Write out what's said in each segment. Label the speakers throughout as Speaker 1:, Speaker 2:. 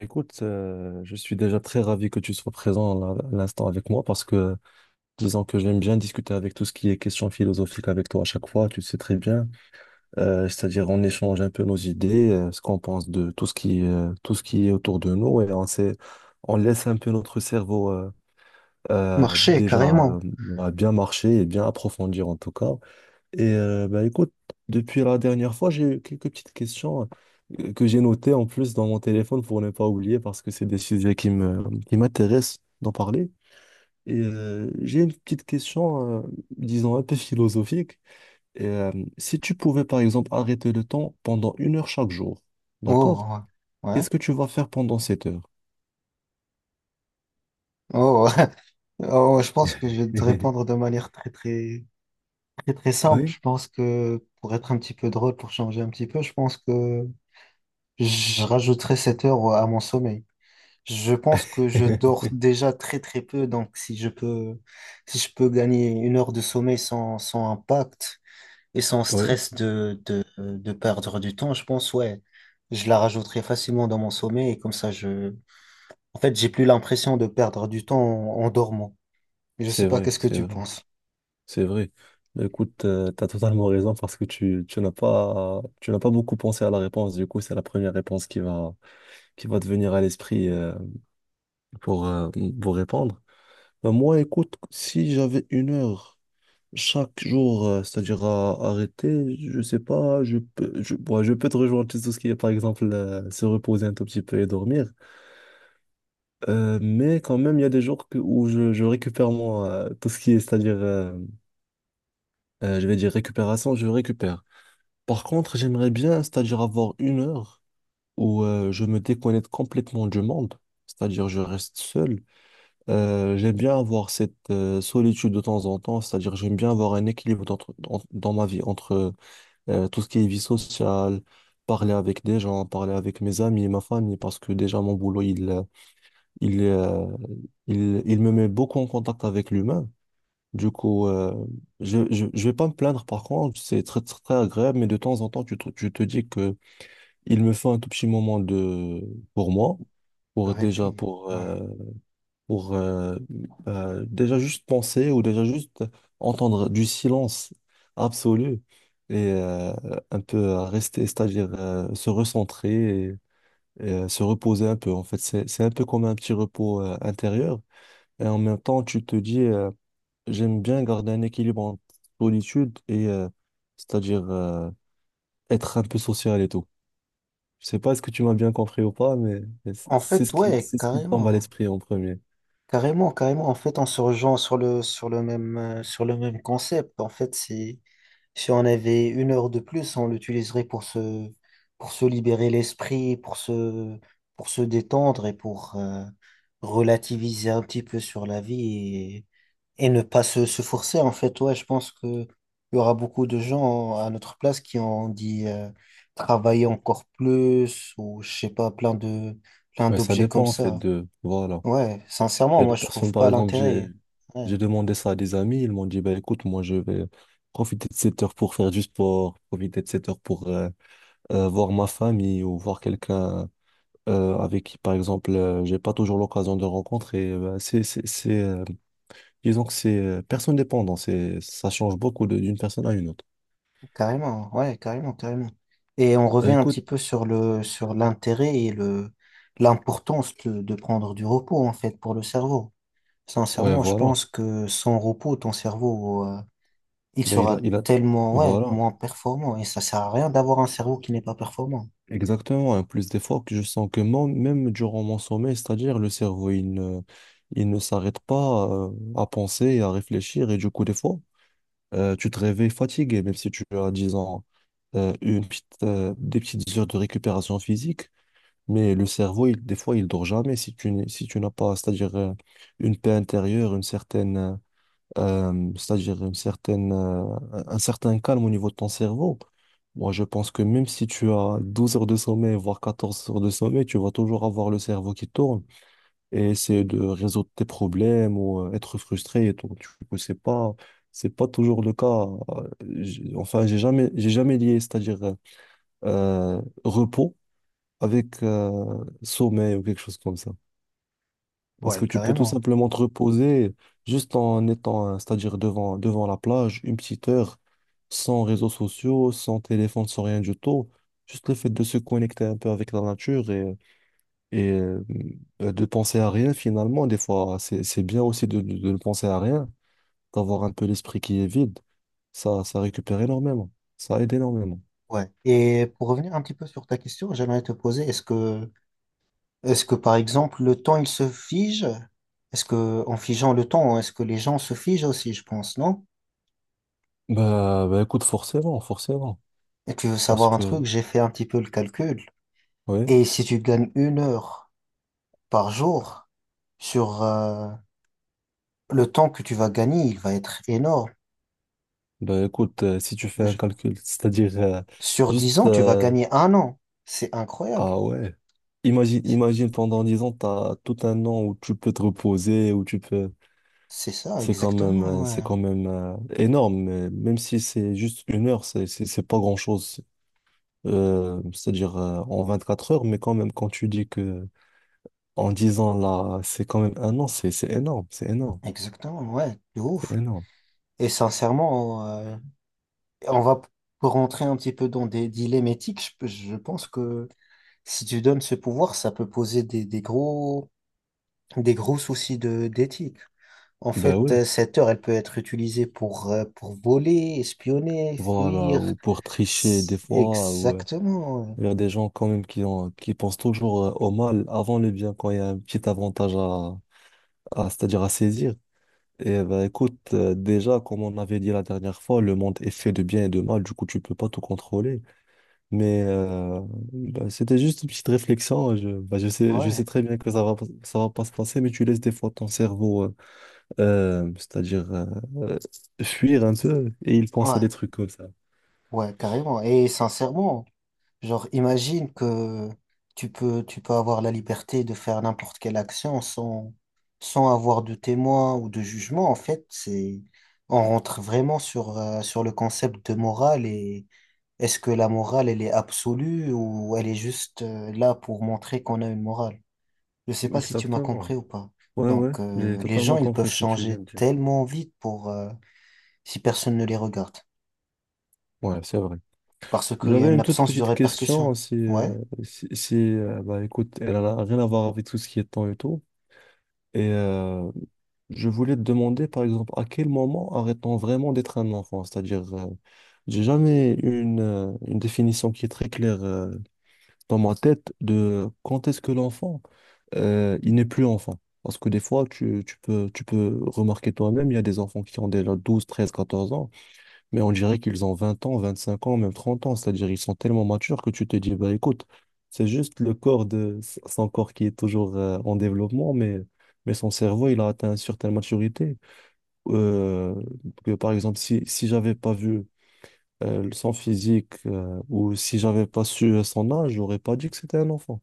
Speaker 1: Écoute, je suis déjà très ravi que tu sois présent à l'instant avec moi parce que disons que j'aime bien discuter avec tout ce qui est question philosophique avec toi à chaque fois, tu le sais très bien. C'est-à-dire on échange un peu nos idées, ce qu'on pense de tout ce qui est autour de nous et on laisse un peu notre cerveau
Speaker 2: Marcher,
Speaker 1: déjà
Speaker 2: carrément.
Speaker 1: bah, bien marcher et bien approfondir en tout cas. Et bah, écoute, depuis la dernière fois, j'ai eu quelques petites questions que j'ai notées en plus dans mon téléphone pour ne pas oublier parce que c'est des sujets qui m'intéressent d'en parler. Et j'ai une petite question, disons, un peu philosophique. Et, si tu pouvais, par exemple, arrêter le temps pendant une heure chaque jour, d'accord?
Speaker 2: Oh, ouais. Ouais.
Speaker 1: Qu'est-ce que tu vas faire pendant cette heure?
Speaker 2: Oh, ouais. Oh, je pense que je vais te répondre de manière très, très, très, très simple.
Speaker 1: Oui,
Speaker 2: Je pense que pour être un petit peu drôle, pour changer un petit peu, je pense que je rajouterai 7 heures à mon sommeil. Je pense que je dors déjà très, très peu. Donc, si je peux gagner une heure de sommeil sans impact et sans
Speaker 1: oui,
Speaker 2: stress de perdre du temps, je pense, ouais, je la rajouterai facilement dans mon sommeil et comme ça, en fait, j'ai plus l'impression de perdre du temps en dormant. Je sais
Speaker 1: c'est
Speaker 2: pas,
Speaker 1: vrai,
Speaker 2: qu'est-ce que
Speaker 1: c'est
Speaker 2: tu
Speaker 1: vrai.
Speaker 2: penses?
Speaker 1: C'est vrai. Bah, écoute, t'as totalement raison parce que tu n'as pas beaucoup pensé à la réponse. Du coup, c'est la première réponse qui va te venir à l'esprit pour, euh, pour répondre. Bah, moi, écoute, si j'avais une heure chaque jour, c'est-à-dire à arrêter, je sais pas, bon, je peux te rejoindre sur tout ce qui est, par exemple, se reposer un tout petit peu et dormir. Mais quand même, il y a des jours où je récupère moi, tout ce qui est, c'est-à-dire, je vais dire récupération, je récupère. Par contre, j'aimerais bien, c'est-à-dire avoir une heure où je me déconnecte complètement du monde, c'est-à-dire je reste seul. J'aime bien avoir cette solitude de temps en temps, c'est-à-dire j'aime bien avoir un équilibre dans ma vie entre tout ce qui est vie sociale, parler avec des gens, parler avec mes amis et ma famille, parce que déjà mon boulot, il, euh, il me met beaucoup en contact avec l'humain. Du coup, je vais pas me plaindre par contre, c'est très, très, très agréable, mais de temps en temps, tu te dis que il me faut un tout petit moment de pour moi,
Speaker 2: Le
Speaker 1: pour déjà
Speaker 2: répit,
Speaker 1: pour euh,
Speaker 2: ouais.
Speaker 1: pour déjà juste penser ou déjà juste entendre du silence absolu et un peu rester, c'est-à-dire se recentrer et, se reposer un peu. En fait, c'est un peu comme un petit repos intérieur et en même temps tu te dis j'aime bien garder un équilibre entre solitude et c'est-à-dire être un peu social et tout. Je sais pas est-ce que tu m'as bien compris ou pas, mais
Speaker 2: En fait, ouais,
Speaker 1: c'est ce qui me tombe à
Speaker 2: carrément.
Speaker 1: l'esprit en premier.
Speaker 2: Carrément, carrément. En fait, en se rejoint sur le même concept. En fait, si on avait une heure de plus, on l'utiliserait pour se libérer l'esprit, pour se détendre et pour relativiser un petit peu sur la vie. Et ne pas se forcer, en fait, ouais, je pense que il y aura beaucoup de gens à notre place qui ont dit travailler encore plus ou je sais pas, plein
Speaker 1: Ouais, ça
Speaker 2: d'objets comme
Speaker 1: dépend en fait
Speaker 2: ça.
Speaker 1: de, voilà.
Speaker 2: Ouais,
Speaker 1: Il
Speaker 2: sincèrement,
Speaker 1: y a
Speaker 2: moi
Speaker 1: des
Speaker 2: je
Speaker 1: personnes,
Speaker 2: trouve
Speaker 1: par
Speaker 2: pas
Speaker 1: exemple, j'ai,
Speaker 2: l'intérêt. Ouais,
Speaker 1: j'ai demandé ça à des amis, ils m'ont dit, bah écoute, moi je vais profiter de cette heure pour faire du sport, profiter de cette heure pour voir ma famille ou voir quelqu'un avec qui, par exemple, j'ai pas toujours l'occasion de rencontrer. Bah, disons que c'est personne dépendant, ça change beaucoup d'une personne à une autre.
Speaker 2: ouais, carrément, carrément. Et on
Speaker 1: Bah
Speaker 2: revient un
Speaker 1: écoute,
Speaker 2: petit peu sur l'intérêt et le l'importance de prendre du repos en fait pour le cerveau.
Speaker 1: ouais,
Speaker 2: Sincèrement, je
Speaker 1: voilà.
Speaker 2: pense que sans repos, ton cerveau il
Speaker 1: Bah,
Speaker 2: sera tellement, ouais,
Speaker 1: voilà.
Speaker 2: moins performant. Et ça sert à rien d'avoir un cerveau qui n'est pas performant.
Speaker 1: Exactement, hein, plus d'efforts que je sens que moi, même durant mon sommeil, c'est-à-dire le cerveau, il ne s'arrête pas à penser et à réfléchir. Et du coup, des fois, tu te réveilles fatigué, même si tu as, disons, des petites heures de récupération physique. Mais le cerveau, des fois, il dort jamais si tu n'as pas, c'est-à-dire une paix intérieure, une certaine, c'est-à-dire une certaine, un certain calme au niveau de ton cerveau. Moi, je pense que même si tu as 12 heures de sommeil, voire 14 heures de sommeil, tu vas toujours avoir le cerveau qui tourne et essayer de résoudre tes problèmes ou être frustré et tout. Du coup, c'est pas toujours le cas. Enfin, j'ai jamais lié, c'est-à-dire repos avec sommeil ou quelque chose comme ça. Parce
Speaker 2: Ouais,
Speaker 1: que tu peux tout
Speaker 2: carrément.
Speaker 1: simplement te reposer juste en étant, c'est-à-dire devant la plage, une petite heure, sans réseaux sociaux, sans téléphone, sans rien du tout. Juste le fait de se connecter un peu avec la nature et, de penser à rien finalement. Des fois, c'est bien aussi de ne penser à rien, d'avoir un peu l'esprit qui est vide. Ça récupère énormément. Ça aide énormément.
Speaker 2: Ouais. Et pour revenir un petit peu sur ta question, j'aimerais te poser, est-ce que par exemple le temps il se fige? Est-ce que en figeant le temps, est-ce que les gens se figent aussi, je pense, non?
Speaker 1: Bah écoute, forcément, forcément.
Speaker 2: Et tu veux
Speaker 1: Parce
Speaker 2: savoir un
Speaker 1: que,
Speaker 2: truc, j'ai fait un petit peu le calcul.
Speaker 1: oui.
Speaker 2: Et si tu gagnes une heure par jour sur, le temps que tu vas gagner, il va être énorme.
Speaker 1: Ben écoute, si tu fais un
Speaker 2: Je-
Speaker 1: calcul, c'est-à-dire
Speaker 2: Sur 10
Speaker 1: juste,
Speaker 2: ans, tu vas gagner un an. C'est incroyable.
Speaker 1: ah ouais. Imagine pendant 10 ans, tu as tout un an où tu peux te reposer, où tu peux.
Speaker 2: C'est ça,
Speaker 1: C'est quand même,
Speaker 2: exactement, ouais.
Speaker 1: énorme, mais même si c'est juste une heure, c'est pas grand-chose. C'est-à-dire en 4 heures, mais quand même, quand tu dis que en 10 ans, là, c'est quand même un an, c'est énorme, c'est énorme,
Speaker 2: Exactement, ouais, de
Speaker 1: c'est
Speaker 2: ouf.
Speaker 1: énorme.
Speaker 2: Et sincèrement, on va p- rentrer un petit peu dans des dilemmes éthiques. Je pense que si tu donnes ce pouvoir, ça peut poser des gros soucis d'éthique. En
Speaker 1: Ben
Speaker 2: fait,
Speaker 1: oui,
Speaker 2: cette heure, elle peut être utilisée pour voler, espionner,
Speaker 1: voilà,
Speaker 2: fuir.
Speaker 1: ou pour tricher des fois, ou...
Speaker 2: Exactement,
Speaker 1: Il y a des gens quand même qui pensent toujours au mal avant le bien quand il y a un petit avantage c'est-à-dire à saisir. Et ben écoute, déjà, comme on avait dit la dernière fois, le monde est fait de bien et de mal, du coup, tu peux pas tout contrôler. Mais ben, c'était juste une petite réflexion. Ben, je sais
Speaker 2: ouais.
Speaker 1: très bien que ça va pas se passer, mais tu laisses des fois ton cerveau, c'est-à-dire euh, fuir un peu, et il pense à
Speaker 2: Ouais,
Speaker 1: des trucs comme ça.
Speaker 2: ouais, carrément. Et sincèrement, genre, imagine que tu peux avoir la liberté de faire n'importe quelle action sans avoir de témoin ou de jugement. En fait, on rentre vraiment sur, sur le concept de morale et est-ce que la morale, elle est absolue ou elle est juste, là pour montrer qu'on a une morale? Je sais pas si tu m'as
Speaker 1: Exactement.
Speaker 2: compris ou pas.
Speaker 1: Ouais, ouais,
Speaker 2: Donc,
Speaker 1: j'ai
Speaker 2: les
Speaker 1: totalement
Speaker 2: gens, ils peuvent
Speaker 1: compris ce que tu viens
Speaker 2: changer
Speaker 1: de dire.
Speaker 2: tellement vite pour, si personne ne les regarde.
Speaker 1: Ouais, c'est vrai.
Speaker 2: Parce qu'il y a
Speaker 1: J'avais
Speaker 2: une
Speaker 1: une toute
Speaker 2: absence de
Speaker 1: petite question
Speaker 2: répercussion.
Speaker 1: si,
Speaker 2: Ouais.
Speaker 1: si, si, bah, écoute, elle n'a rien à voir avec tout ce qui est temps et tout. Et je voulais te demander, par exemple, à quel moment arrête-t-on vraiment d'être un enfant? C'est-à-dire, j'ai jamais eu une définition qui est très claire dans ma tête de quand est-ce que l'enfant, il n'est plus enfant. Parce que des fois, tu peux remarquer toi-même, il y a des enfants qui ont déjà 12, 13, 14 ans. Mais on dirait qu'ils ont 20 ans, 25 ans, même 30 ans. C'est-à-dire ils sont tellement matures que tu te dis, bah écoute, c'est juste le corps de son corps qui est toujours en développement, mais son cerveau, il a atteint une certaine maturité. Euh, que, par exemple, si j'avais pas vu son physique ou si j'avais pas su son âge, j'aurais pas dit que c'était un enfant.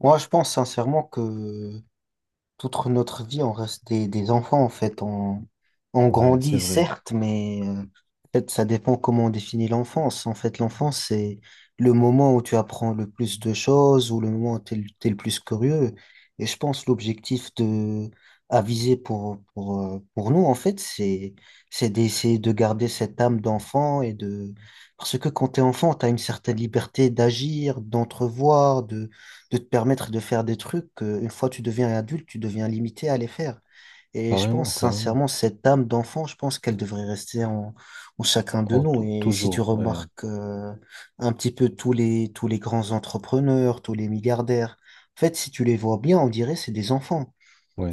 Speaker 2: Moi, je pense sincèrement que toute notre vie, on reste des enfants, en fait. On
Speaker 1: Ouais, c'est
Speaker 2: grandit,
Speaker 1: vrai.
Speaker 2: certes, mais en fait, ça dépend comment on définit l'enfance. En fait, l'enfance, c'est le moment où tu apprends le plus de choses ou le moment où tu es, le t'es le plus curieux. Et je pense l'objectif de à viser pour, pour nous, en fait, c'est d'essayer de garder cette âme d'enfant et de... Parce que quand tu es enfant, tu as une certaine liberté d'agir, d'entrevoir, de te permettre de faire des trucs que, une fois tu deviens adulte, tu deviens limité à les faire. Et je
Speaker 1: Carrément,
Speaker 2: pense
Speaker 1: carrément.
Speaker 2: sincèrement, cette âme d'enfant, je pense qu'elle devrait rester en chacun de nous. Et si tu
Speaker 1: Toujours, ouais.
Speaker 2: remarques un petit peu tous les grands entrepreneurs, tous les milliardaires, en fait, si tu les vois bien, on dirait c'est des enfants.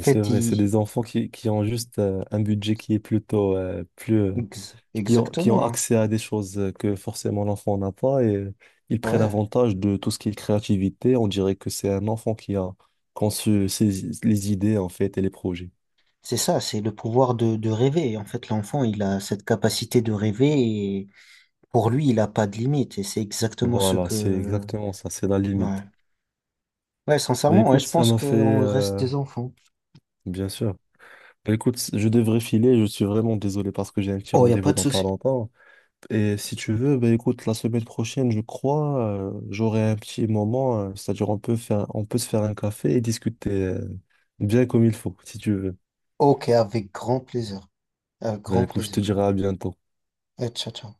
Speaker 2: En
Speaker 1: c'est
Speaker 2: fait,
Speaker 1: vrai, c'est
Speaker 2: ils-
Speaker 1: des enfants qui ont juste un budget qui est plutôt plus
Speaker 2: ex-
Speaker 1: qui ont, qui
Speaker 2: exactement,
Speaker 1: ont
Speaker 2: hein.
Speaker 1: accès à des choses que forcément l'enfant n'a pas et ils prennent
Speaker 2: Ouais,
Speaker 1: avantage de tout ce qui est créativité. On dirait que c'est un enfant qui a conçu les idées en fait et les projets.
Speaker 2: c'est ça, c'est le pouvoir de rêver. En fait, l'enfant, il a cette capacité de rêver et pour lui, il n'a pas de limite. Et c'est exactement ce
Speaker 1: Voilà, c'est
Speaker 2: que,
Speaker 1: exactement ça, c'est la
Speaker 2: ouais.
Speaker 1: limite.
Speaker 2: Ouais,
Speaker 1: Ben
Speaker 2: sincèrement, ouais,
Speaker 1: écoute,
Speaker 2: je
Speaker 1: ça
Speaker 2: pense
Speaker 1: m'a fait
Speaker 2: qu'on reste des enfants.
Speaker 1: bien sûr. Ben écoute, je devrais filer, je suis vraiment désolé parce que j'ai un petit
Speaker 2: Oh, il n'y a pas
Speaker 1: rendez-vous
Speaker 2: de
Speaker 1: dans pas
Speaker 2: souci.
Speaker 1: longtemps. Et si tu veux, bah écoute, la semaine prochaine, je crois, j'aurai un petit moment, c'est-à-dire on peut se faire un café et discuter, bien comme il faut, si tu veux.
Speaker 2: Ok, avec grand plaisir. Avec
Speaker 1: Bah
Speaker 2: grand
Speaker 1: écoute, je te
Speaker 2: plaisir.
Speaker 1: dirai à bientôt.
Speaker 2: Et ciao, ciao.